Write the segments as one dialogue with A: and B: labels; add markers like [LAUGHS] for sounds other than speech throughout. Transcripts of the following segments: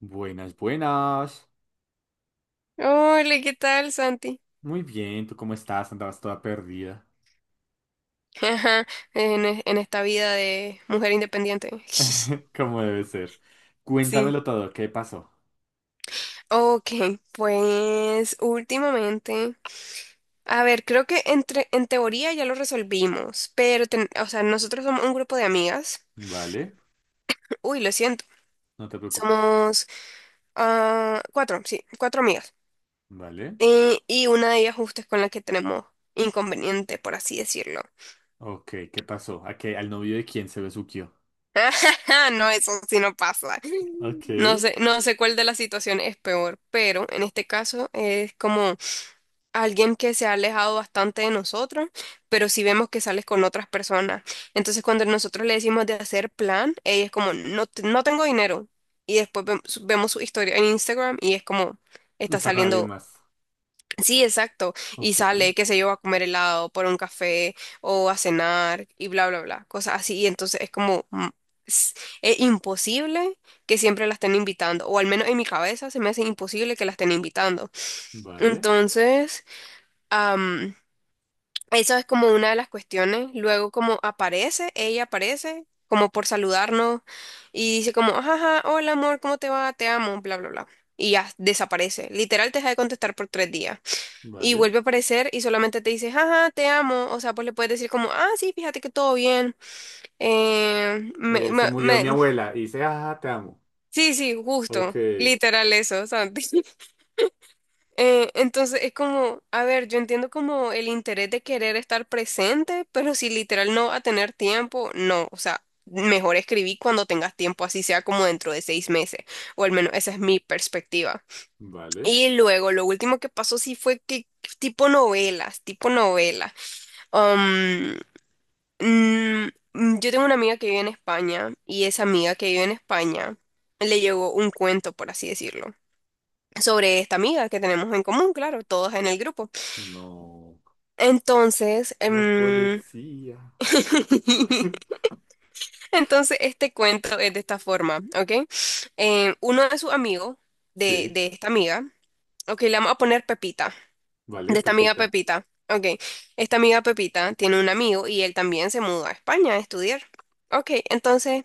A: Buenas, buenas.
B: Hola, ¿qué tal, Santi?
A: Muy bien, ¿tú cómo estás? Andabas toda perdida.
B: [LAUGHS] Ajá, en esta vida de mujer independiente. [LAUGHS]
A: [LAUGHS] ¿Cómo debe ser?
B: Sí.
A: Cuéntamelo todo, ¿qué pasó?
B: Ok, pues últimamente, a ver, creo que en teoría ya lo resolvimos, pero, o sea, nosotros somos un grupo de amigas.
A: Vale,
B: [CLEARS THROAT] Uy, lo siento.
A: no te preocupes.
B: Somos cuatro, sí, cuatro amigas.
A: Vale.
B: Y una de ellas justo es con la que tenemos inconveniente, por así decirlo.
A: Ok, ¿qué pasó? ¿A qué? ¿Al novio de quién se besuqueó?
B: [LAUGHS] Ah, no, eso sí no pasa.
A: Ok.
B: No sé cuál de las situaciones es peor, pero en este caso es como alguien que se ha alejado bastante de nosotros, pero si vemos que sales con otras personas. Entonces cuando nosotros le decimos de hacer plan, ella es como, no, no tengo dinero. Y después vemos su historia en Instagram y es como, está
A: Está con alguien
B: saliendo.
A: más.
B: Sí, exacto. Y
A: Ok.
B: sale, qué sé yo, a comer helado, por un café o a cenar y bla, bla, bla. Cosas así. Y entonces es como, s- es imposible que siempre la estén invitando. O al menos en mi cabeza se me hace imposible que la estén invitando.
A: Vale,
B: Entonces, am, eso es como una de las cuestiones. Luego como aparece como por saludarnos y dice como, ajá, hola amor, ¿cómo te va? Te amo, bla, bla, bla. Y ya desaparece. Literal te deja de contestar por 3 días y
A: vale.
B: vuelve a aparecer y solamente te dice, jaja, te amo. O sea, pues le puedes decir como, ah, sí, fíjate que todo bien. Eh, me-
A: Se
B: me-
A: murió
B: me-
A: mi abuela y dice, ah, te amo.
B: Sí, sí,
A: Ok.
B: justo. Literal eso, Santi. [LAUGHS] Entonces es como, a ver, yo entiendo como el interés de querer estar presente, pero si literal no va a tener tiempo, no. O sea, mejor escribí cuando tengas tiempo, así sea como dentro de 6 meses, o al menos esa es mi perspectiva.
A: Vale.
B: Y luego, lo último que pasó sí fue que tipo novelas, tipo novelas. Yo tengo una amiga que vive en España y esa amiga que vive en España le llegó un cuento, por así decirlo, sobre esta amiga que tenemos en común, claro, todas en el grupo.
A: No.
B: Entonces,
A: La
B: em,
A: policía.
B: [LAUGHS]
A: [LAUGHS]
B: entonces este cuento es de esta forma, ¿ok? Uno de sus amigos, de,
A: Sí.
B: de esta amiga, ok, le vamos a poner Pepita,
A: Vale,
B: de esta amiga
A: Pepita.
B: Pepita, ok, esta amiga Pepita tiene un amigo y él también se mudó a España a estudiar. Ok, entonces.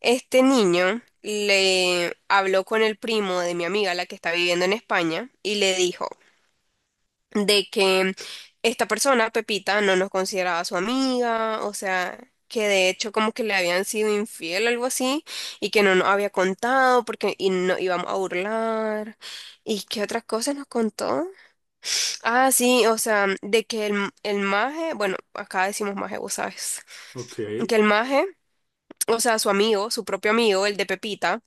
B: Este niño le habló con el primo de mi amiga, la que está viviendo en España, y le dijo de que esta persona, Pepita, no nos consideraba su amiga, o sea, que de hecho como que le habían sido infiel o algo así, y que no nos había contado porque y no íbamos a burlar. ¿Y qué otras cosas nos contó? Ah, sí, o sea, de que el maje, bueno, acá decimos maje, vos sabes,
A: Ok.
B: que el maje, o sea, su amigo, su propio amigo, el de Pepita,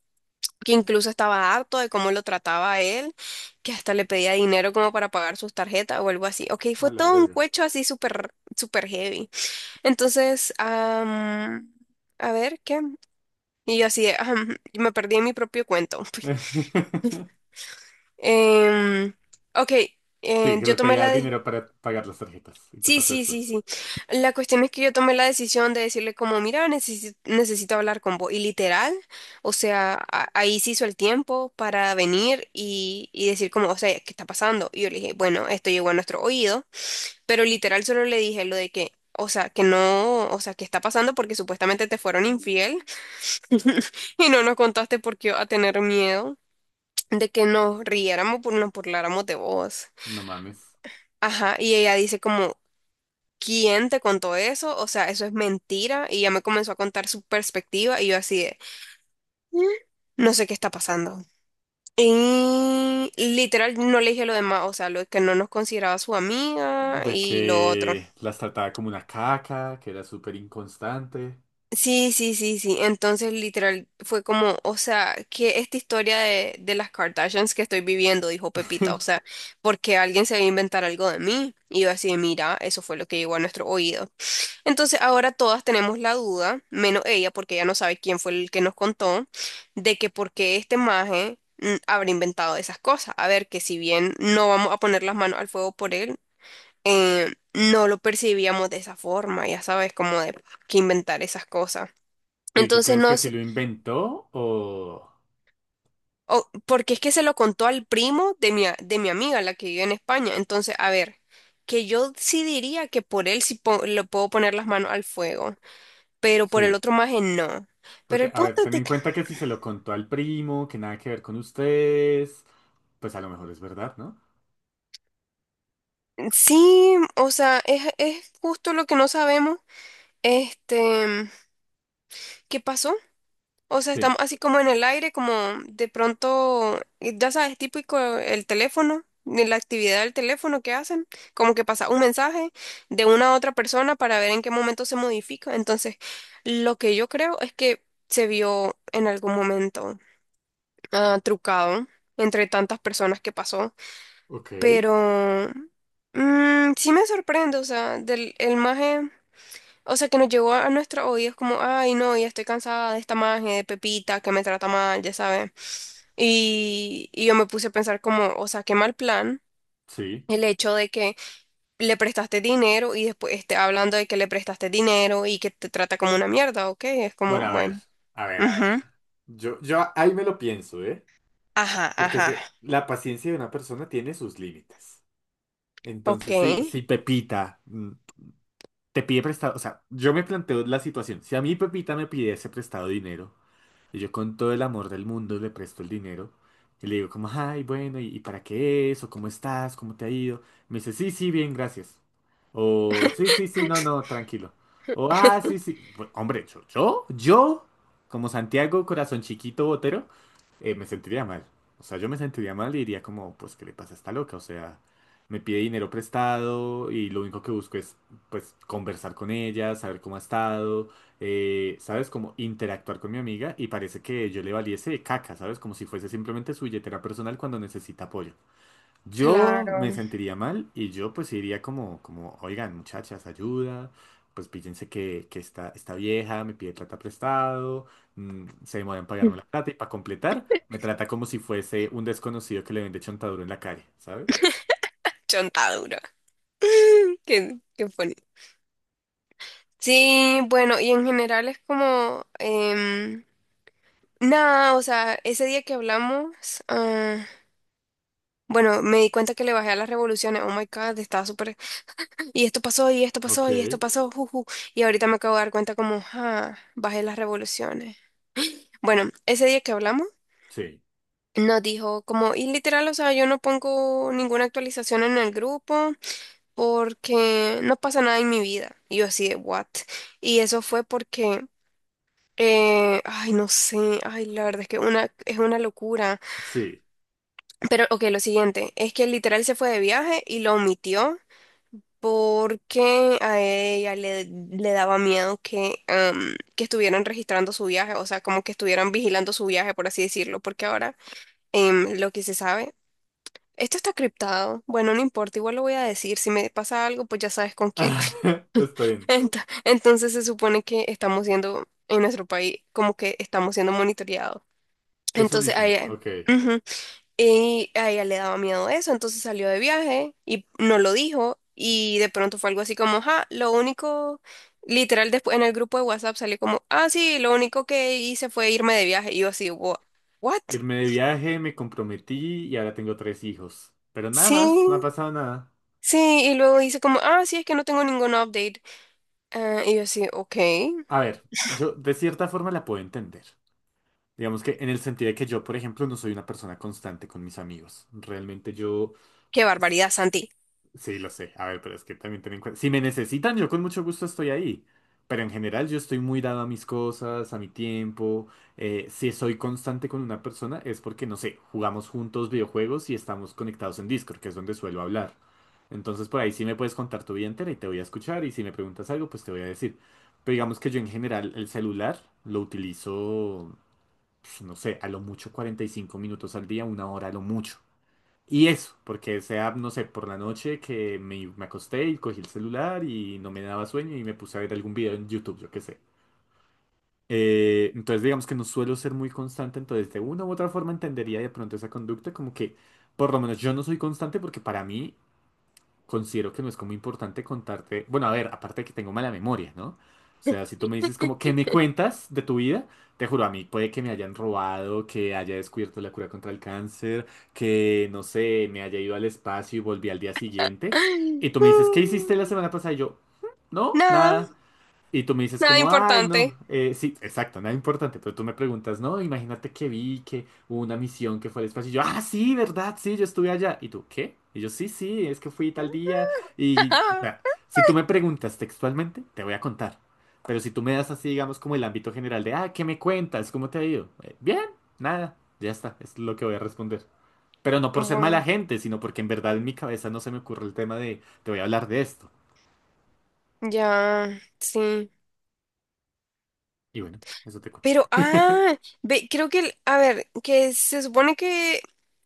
B: que incluso estaba harto de cómo lo trataba él, que hasta le pedía dinero como para pagar sus tarjetas o algo así. Ok,
A: A
B: fue
A: la
B: todo un
A: verga.
B: cuecho así súper, súper heavy. Entonces, a ver, ¿qué? Y yo así, de, "Ajam", y me perdí en mi propio cuento. [LAUGHS]
A: [LAUGHS]
B: Em, ok,
A: Sí, que le
B: yo tomé
A: pedía
B: la decisión.
A: dinero para pagar las tarjetas. ¿Y qué
B: Sí,
A: pasó
B: sí,
A: después?
B: sí, sí. La cuestión es que yo tomé la decisión de decirle como, mira, necesito hablar con vos. Y literal, o sea, ahí se hizo el tiempo para venir y decir como, o sea, ¿qué está pasando? Y yo le dije, bueno, esto llegó a nuestro oído, pero literal solo le dije lo de que, o sea, que no, o sea, que está pasando porque supuestamente te fueron infiel [LAUGHS] y no nos contaste porque iba a tener miedo de que nos riéramos, nos burláramos de vos.
A: No mames.
B: Ajá, y ella dice como, ¿quién te contó eso? O sea, eso es mentira. Y ya me comenzó a contar su perspectiva y yo así de, "Mm, no sé qué está pasando". Y literal no le dije lo demás, o sea, lo que no nos consideraba su amiga
A: De
B: y lo otro.
A: que las trataba como una caca, que era súper inconstante.
B: Sí, sí, sí, sí. Entonces literal fue como, o sea, que esta historia de las Kardashians que estoy viviendo, dijo
A: [LAUGHS]
B: Pepita, o
A: ¿Pero
B: sea, porque alguien se va a inventar algo de mí. Y yo así de, mira, eso fue lo que llegó a nuestro oído. Entonces ahora todas tenemos la duda, menos ella, porque ella no sabe quién fue el que nos contó, de que por qué este maje habrá inventado esas cosas. A ver, que si bien no vamos a poner las manos al fuego por él, no lo percibíamos de esa forma, ya sabes, como de que inventar esas cosas.
A: y tú
B: Entonces
A: crees que
B: no
A: sí
B: sé,
A: lo inventó o...?
B: porque es que se lo contó al primo de mi amiga, la que vive en España. Entonces, a ver, que yo sí diría que por él sí le puedo poner las manos al fuego. Pero por el
A: Sí.
B: otro maje no. Pero
A: Porque,
B: el
A: a ver,
B: punto es
A: ten
B: de
A: en
B: que
A: cuenta que si se lo contó al primo, que nada que ver con ustedes, pues a lo mejor es verdad, ¿no?
B: sí, o sea, es justo lo que no sabemos, este, qué pasó. O sea, estamos
A: Sí.
B: así como en el aire, como de pronto, ya sabes, típico el teléfono, de la actividad del teléfono que hacen, como que pasa un mensaje de una a otra persona para ver en qué momento se modifica. Entonces, lo que yo creo es que se vio en algún momento trucado entre tantas personas que pasó.
A: Ok.
B: Pero sí me sorprende, o sea, del el maje, o sea, que nos llegó a, nuestros oídos como, ay, no, ya estoy cansada de esta maje de Pepita que me trata mal, ya sabes. Y yo me puse a pensar como, o sea, qué mal plan
A: Sí.
B: el hecho de que le prestaste dinero y después esté hablando de que le prestaste dinero y que te trata como una mierda, ¿ok? Es como,
A: Bueno, a ver,
B: bueno,
A: a ver, a ver.
B: ujú,
A: Yo ahí me lo pienso, ¿eh?
B: ajá,
A: Porque es
B: ajá,
A: que la paciencia de una persona tiene sus límites.
B: ok.
A: Entonces, si Pepita te pide prestado, o sea, yo me planteo la situación. Si a mí Pepita me pidiese prestado dinero, y yo con todo el amor del mundo le presto el dinero y le digo como, ay, bueno, y para qué es? ¿O cómo estás? ¿Cómo te ha ido? Me dice, sí, sí, bien, gracias. O, sí, sí, sí, no, no, tranquilo. O, ah, sí,
B: [LAUGHS]
A: sí. Hombre, como Santiago, corazón chiquito, botero, me sentiría mal. O sea, yo me sentiría mal y diría como, pues, ¿qué le pasa a esta loca? O sea, me pide dinero prestado y lo único que busco es, pues, conversar con ella, saber cómo ha estado, ¿sabes? Como interactuar con mi amiga y parece que yo le valiese caca, ¿sabes? Como si fuese simplemente su billetera personal cuando necesita apoyo. Yo me
B: Claro,
A: sentiría mal y yo pues iría como, como, oigan, muchachas, ayuda, pues píllense que esta vieja me pide plata prestado, se demora en pagarme la plata y para completar me trata como si fuese un desconocido que le vende chontaduro en la calle, ¿sabes?
B: chontadura. [LAUGHS] Qué funny. Sí, bueno, y en general es como, nada, o sea, ese día que hablamos, ah, bueno, me di cuenta que le bajé a las revoluciones, oh my God, estaba súper, y esto pasó, y esto
A: Ok,
B: pasó, y esto pasó, juju, y ahorita me acabo de dar cuenta como, bajé las revoluciones. Bueno, ese día que hablamos,
A: sí,
B: nos dijo como, y literal, o sea, yo no pongo ninguna actualización en el grupo porque no pasa nada en mi vida. Y yo así de, what? Y eso fue porque... Ay, no sé, ay, la verdad es que es una locura.
A: sí.
B: Pero, ok, lo siguiente, es que literal se fue de viaje y lo omitió porque a ella le daba miedo que, que estuvieran registrando su viaje, o sea, como que estuvieran vigilando su viaje, por así decirlo, porque ahora lo que se sabe, esto está criptado, bueno, no importa, igual lo voy a decir, si me pasa algo, pues ya sabes con quién.
A: [LAUGHS] Está
B: [LAUGHS]
A: bien.
B: Entonces se supone que estamos siendo, en nuestro país, como que estamos siendo monitoreados.
A: Eso
B: Entonces a
A: dicen,
B: ella,
A: ok.
B: ujú, y a ella le daba miedo eso, entonces salió de viaje y no lo dijo y de pronto fue algo así como, ja, lo único, literal después en el grupo de WhatsApp salió como, ah, sí, lo único que hice fue irme de viaje y yo así, what?"
A: Irme de viaje, me comprometí y ahora tengo tres hijos. Pero nada
B: Sí,
A: más, no ha pasado nada.
B: sí, y luego dice como, ah, sí, es que no tengo ningún update. Ah, y yo así, ok,
A: A ver, yo de cierta forma la puedo entender. Digamos que en el sentido de que yo, por ejemplo, no soy una persona constante con mis amigos. Realmente yo.
B: qué barbaridad, Santi.
A: Sí, lo sé. A ver, pero es que también ten en cuenta. Si me necesitan, yo con mucho gusto estoy ahí. Pero en general yo estoy muy dado a mis cosas, a mi tiempo. Si soy constante con una persona es porque, no sé, jugamos juntos videojuegos y estamos conectados en Discord, que es donde suelo hablar. Entonces por ahí sí me puedes contar tu vida entera y te voy a escuchar, y si me preguntas algo, pues te voy a decir. Pero digamos que yo en general el celular lo utilizo, pues, no sé, a lo mucho 45 minutos al día, una hora a lo mucho. Y eso, porque sea, no sé, por la noche que me acosté y cogí el celular y no me daba sueño y me puse a ver algún video en YouTube, yo qué sé. Entonces digamos que no suelo ser muy constante, entonces de una u otra forma entendería de pronto esa conducta, como que por lo menos yo no soy constante porque para mí considero que no es como importante contarte. Bueno, a ver, aparte de que tengo mala memoria, ¿no? O sea, si tú me dices como, ¿qué me cuentas de tu vida? Te juro, a mí puede que me hayan robado, que haya descubierto la cura contra el cáncer, que, no sé, me haya ido al espacio y volví al día siguiente. Y tú me dices, ¿qué hiciste la semana
B: [LAUGHS]
A: pasada? Y yo, "Mm, no,
B: Nada,
A: nada". Y tú me dices
B: nada
A: como, ay, no,
B: importante.
A: sí, exacto, nada importante, pero tú me preguntas, no, imagínate que vi que hubo una misión que fue al espacio, y yo, ah, sí, verdad, sí, yo estuve allá, y tú, ¿qué? Y yo, sí, sí, es que fui tal día, y, o sea,
B: [LAUGHS]
A: si tú me preguntas textualmente, te voy a contar, pero si tú me das así, digamos, como el ámbito general de, ah, ¿qué me cuentas? ¿Cómo te ha ido? Bien, nada, ya está, es lo que voy a responder, pero no por ser mala
B: Bueno,
A: gente, sino porque en verdad en mi cabeza no se me ocurre el tema de, te voy a hablar de esto,
B: ya, sí.
A: y bueno, eso te cuento.
B: Pero, ve, creo que, a ver, que se supone que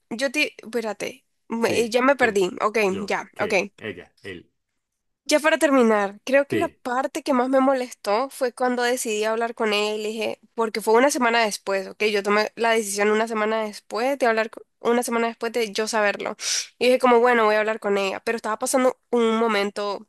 B: yo te, espérate,
A: Sí,
B: ya me
A: tú,
B: perdí. Ok,
A: yo,
B: ya, ok.
A: que, ella, él,
B: Ya para terminar, creo que la
A: sí,
B: parte que más me molestó fue cuando decidí hablar con él, le dije, porque fue una semana después, ¿ok? Yo tomé la decisión una semana después de hablar, una semana después de yo saberlo. Y dije como, bueno, voy a hablar con ella, pero estaba pasando un momento.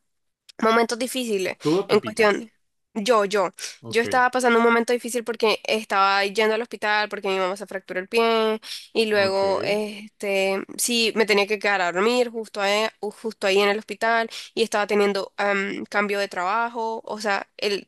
B: Momentos difíciles
A: tú o
B: en
A: Pepita.
B: cuestión. Yo, yo, yo
A: Ok,
B: estaba pasando un momento difícil porque estaba yendo al hospital porque mi mamá se fracturó el pie y
A: ok,
B: luego, este, sí, me tenía que quedar a dormir justo ahí, justo ahí en el hospital y estaba teniendo cambio de trabajo, o sea,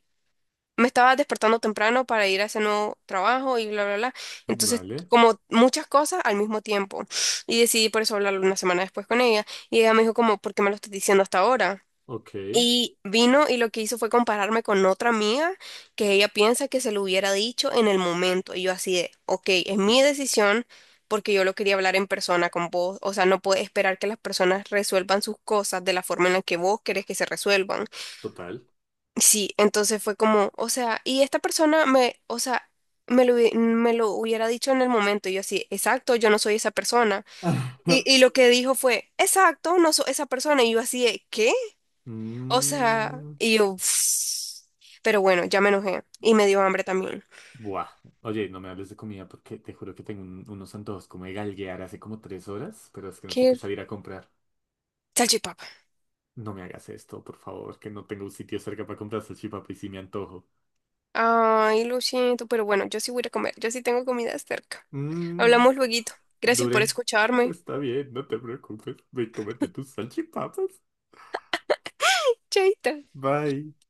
B: me estaba despertando temprano para ir a ese nuevo trabajo y bla, bla, bla. Entonces,
A: vale,
B: como muchas cosas al mismo tiempo y decidí por eso hablarlo una semana después con ella y ella me dijo como, ¿por qué me lo estás diciendo hasta ahora?
A: ok,
B: Y vino y lo que hizo fue compararme con otra amiga que ella piensa que se lo hubiera dicho en el momento. Y yo así de, ok, es mi decisión porque yo lo quería hablar en persona con vos. O sea, no puedes esperar que las personas resuelvan sus cosas de la forma en la que vos querés que se resuelvan.
A: total.
B: Sí, entonces fue como, o sea, y esta persona me, o sea, me lo, me lo hubiera dicho en el momento. Y yo así, exacto, yo no soy esa persona. Y,
A: [LAUGHS]
B: y lo que dijo fue, exacto, no soy esa persona. Y yo así de, ¿qué? O sea,
A: Mm,
B: y yo, "Uf". Pero bueno, ya me enojé y me dio hambre también.
A: buah, oye, no me hables de comida porque te juro que tengo unos antojos como de galguear hace como 3 horas, pero es que no sé
B: ¿Qué?
A: qué salir a comprar.
B: Salchipapa.
A: No me hagas esto, por favor, que no tengo un sitio cerca para comprar salchipapa y si me antojo.
B: Ay, lo siento, pero bueno, yo sí voy a ir a comer, yo sí tengo comida cerca.
A: Mm,
B: Hablamos lueguito. Gracias por
A: Duren,
B: escucharme.
A: está bien, no te preocupes, ve y cómete tus salchipapas.
B: Chaita.
A: Bye.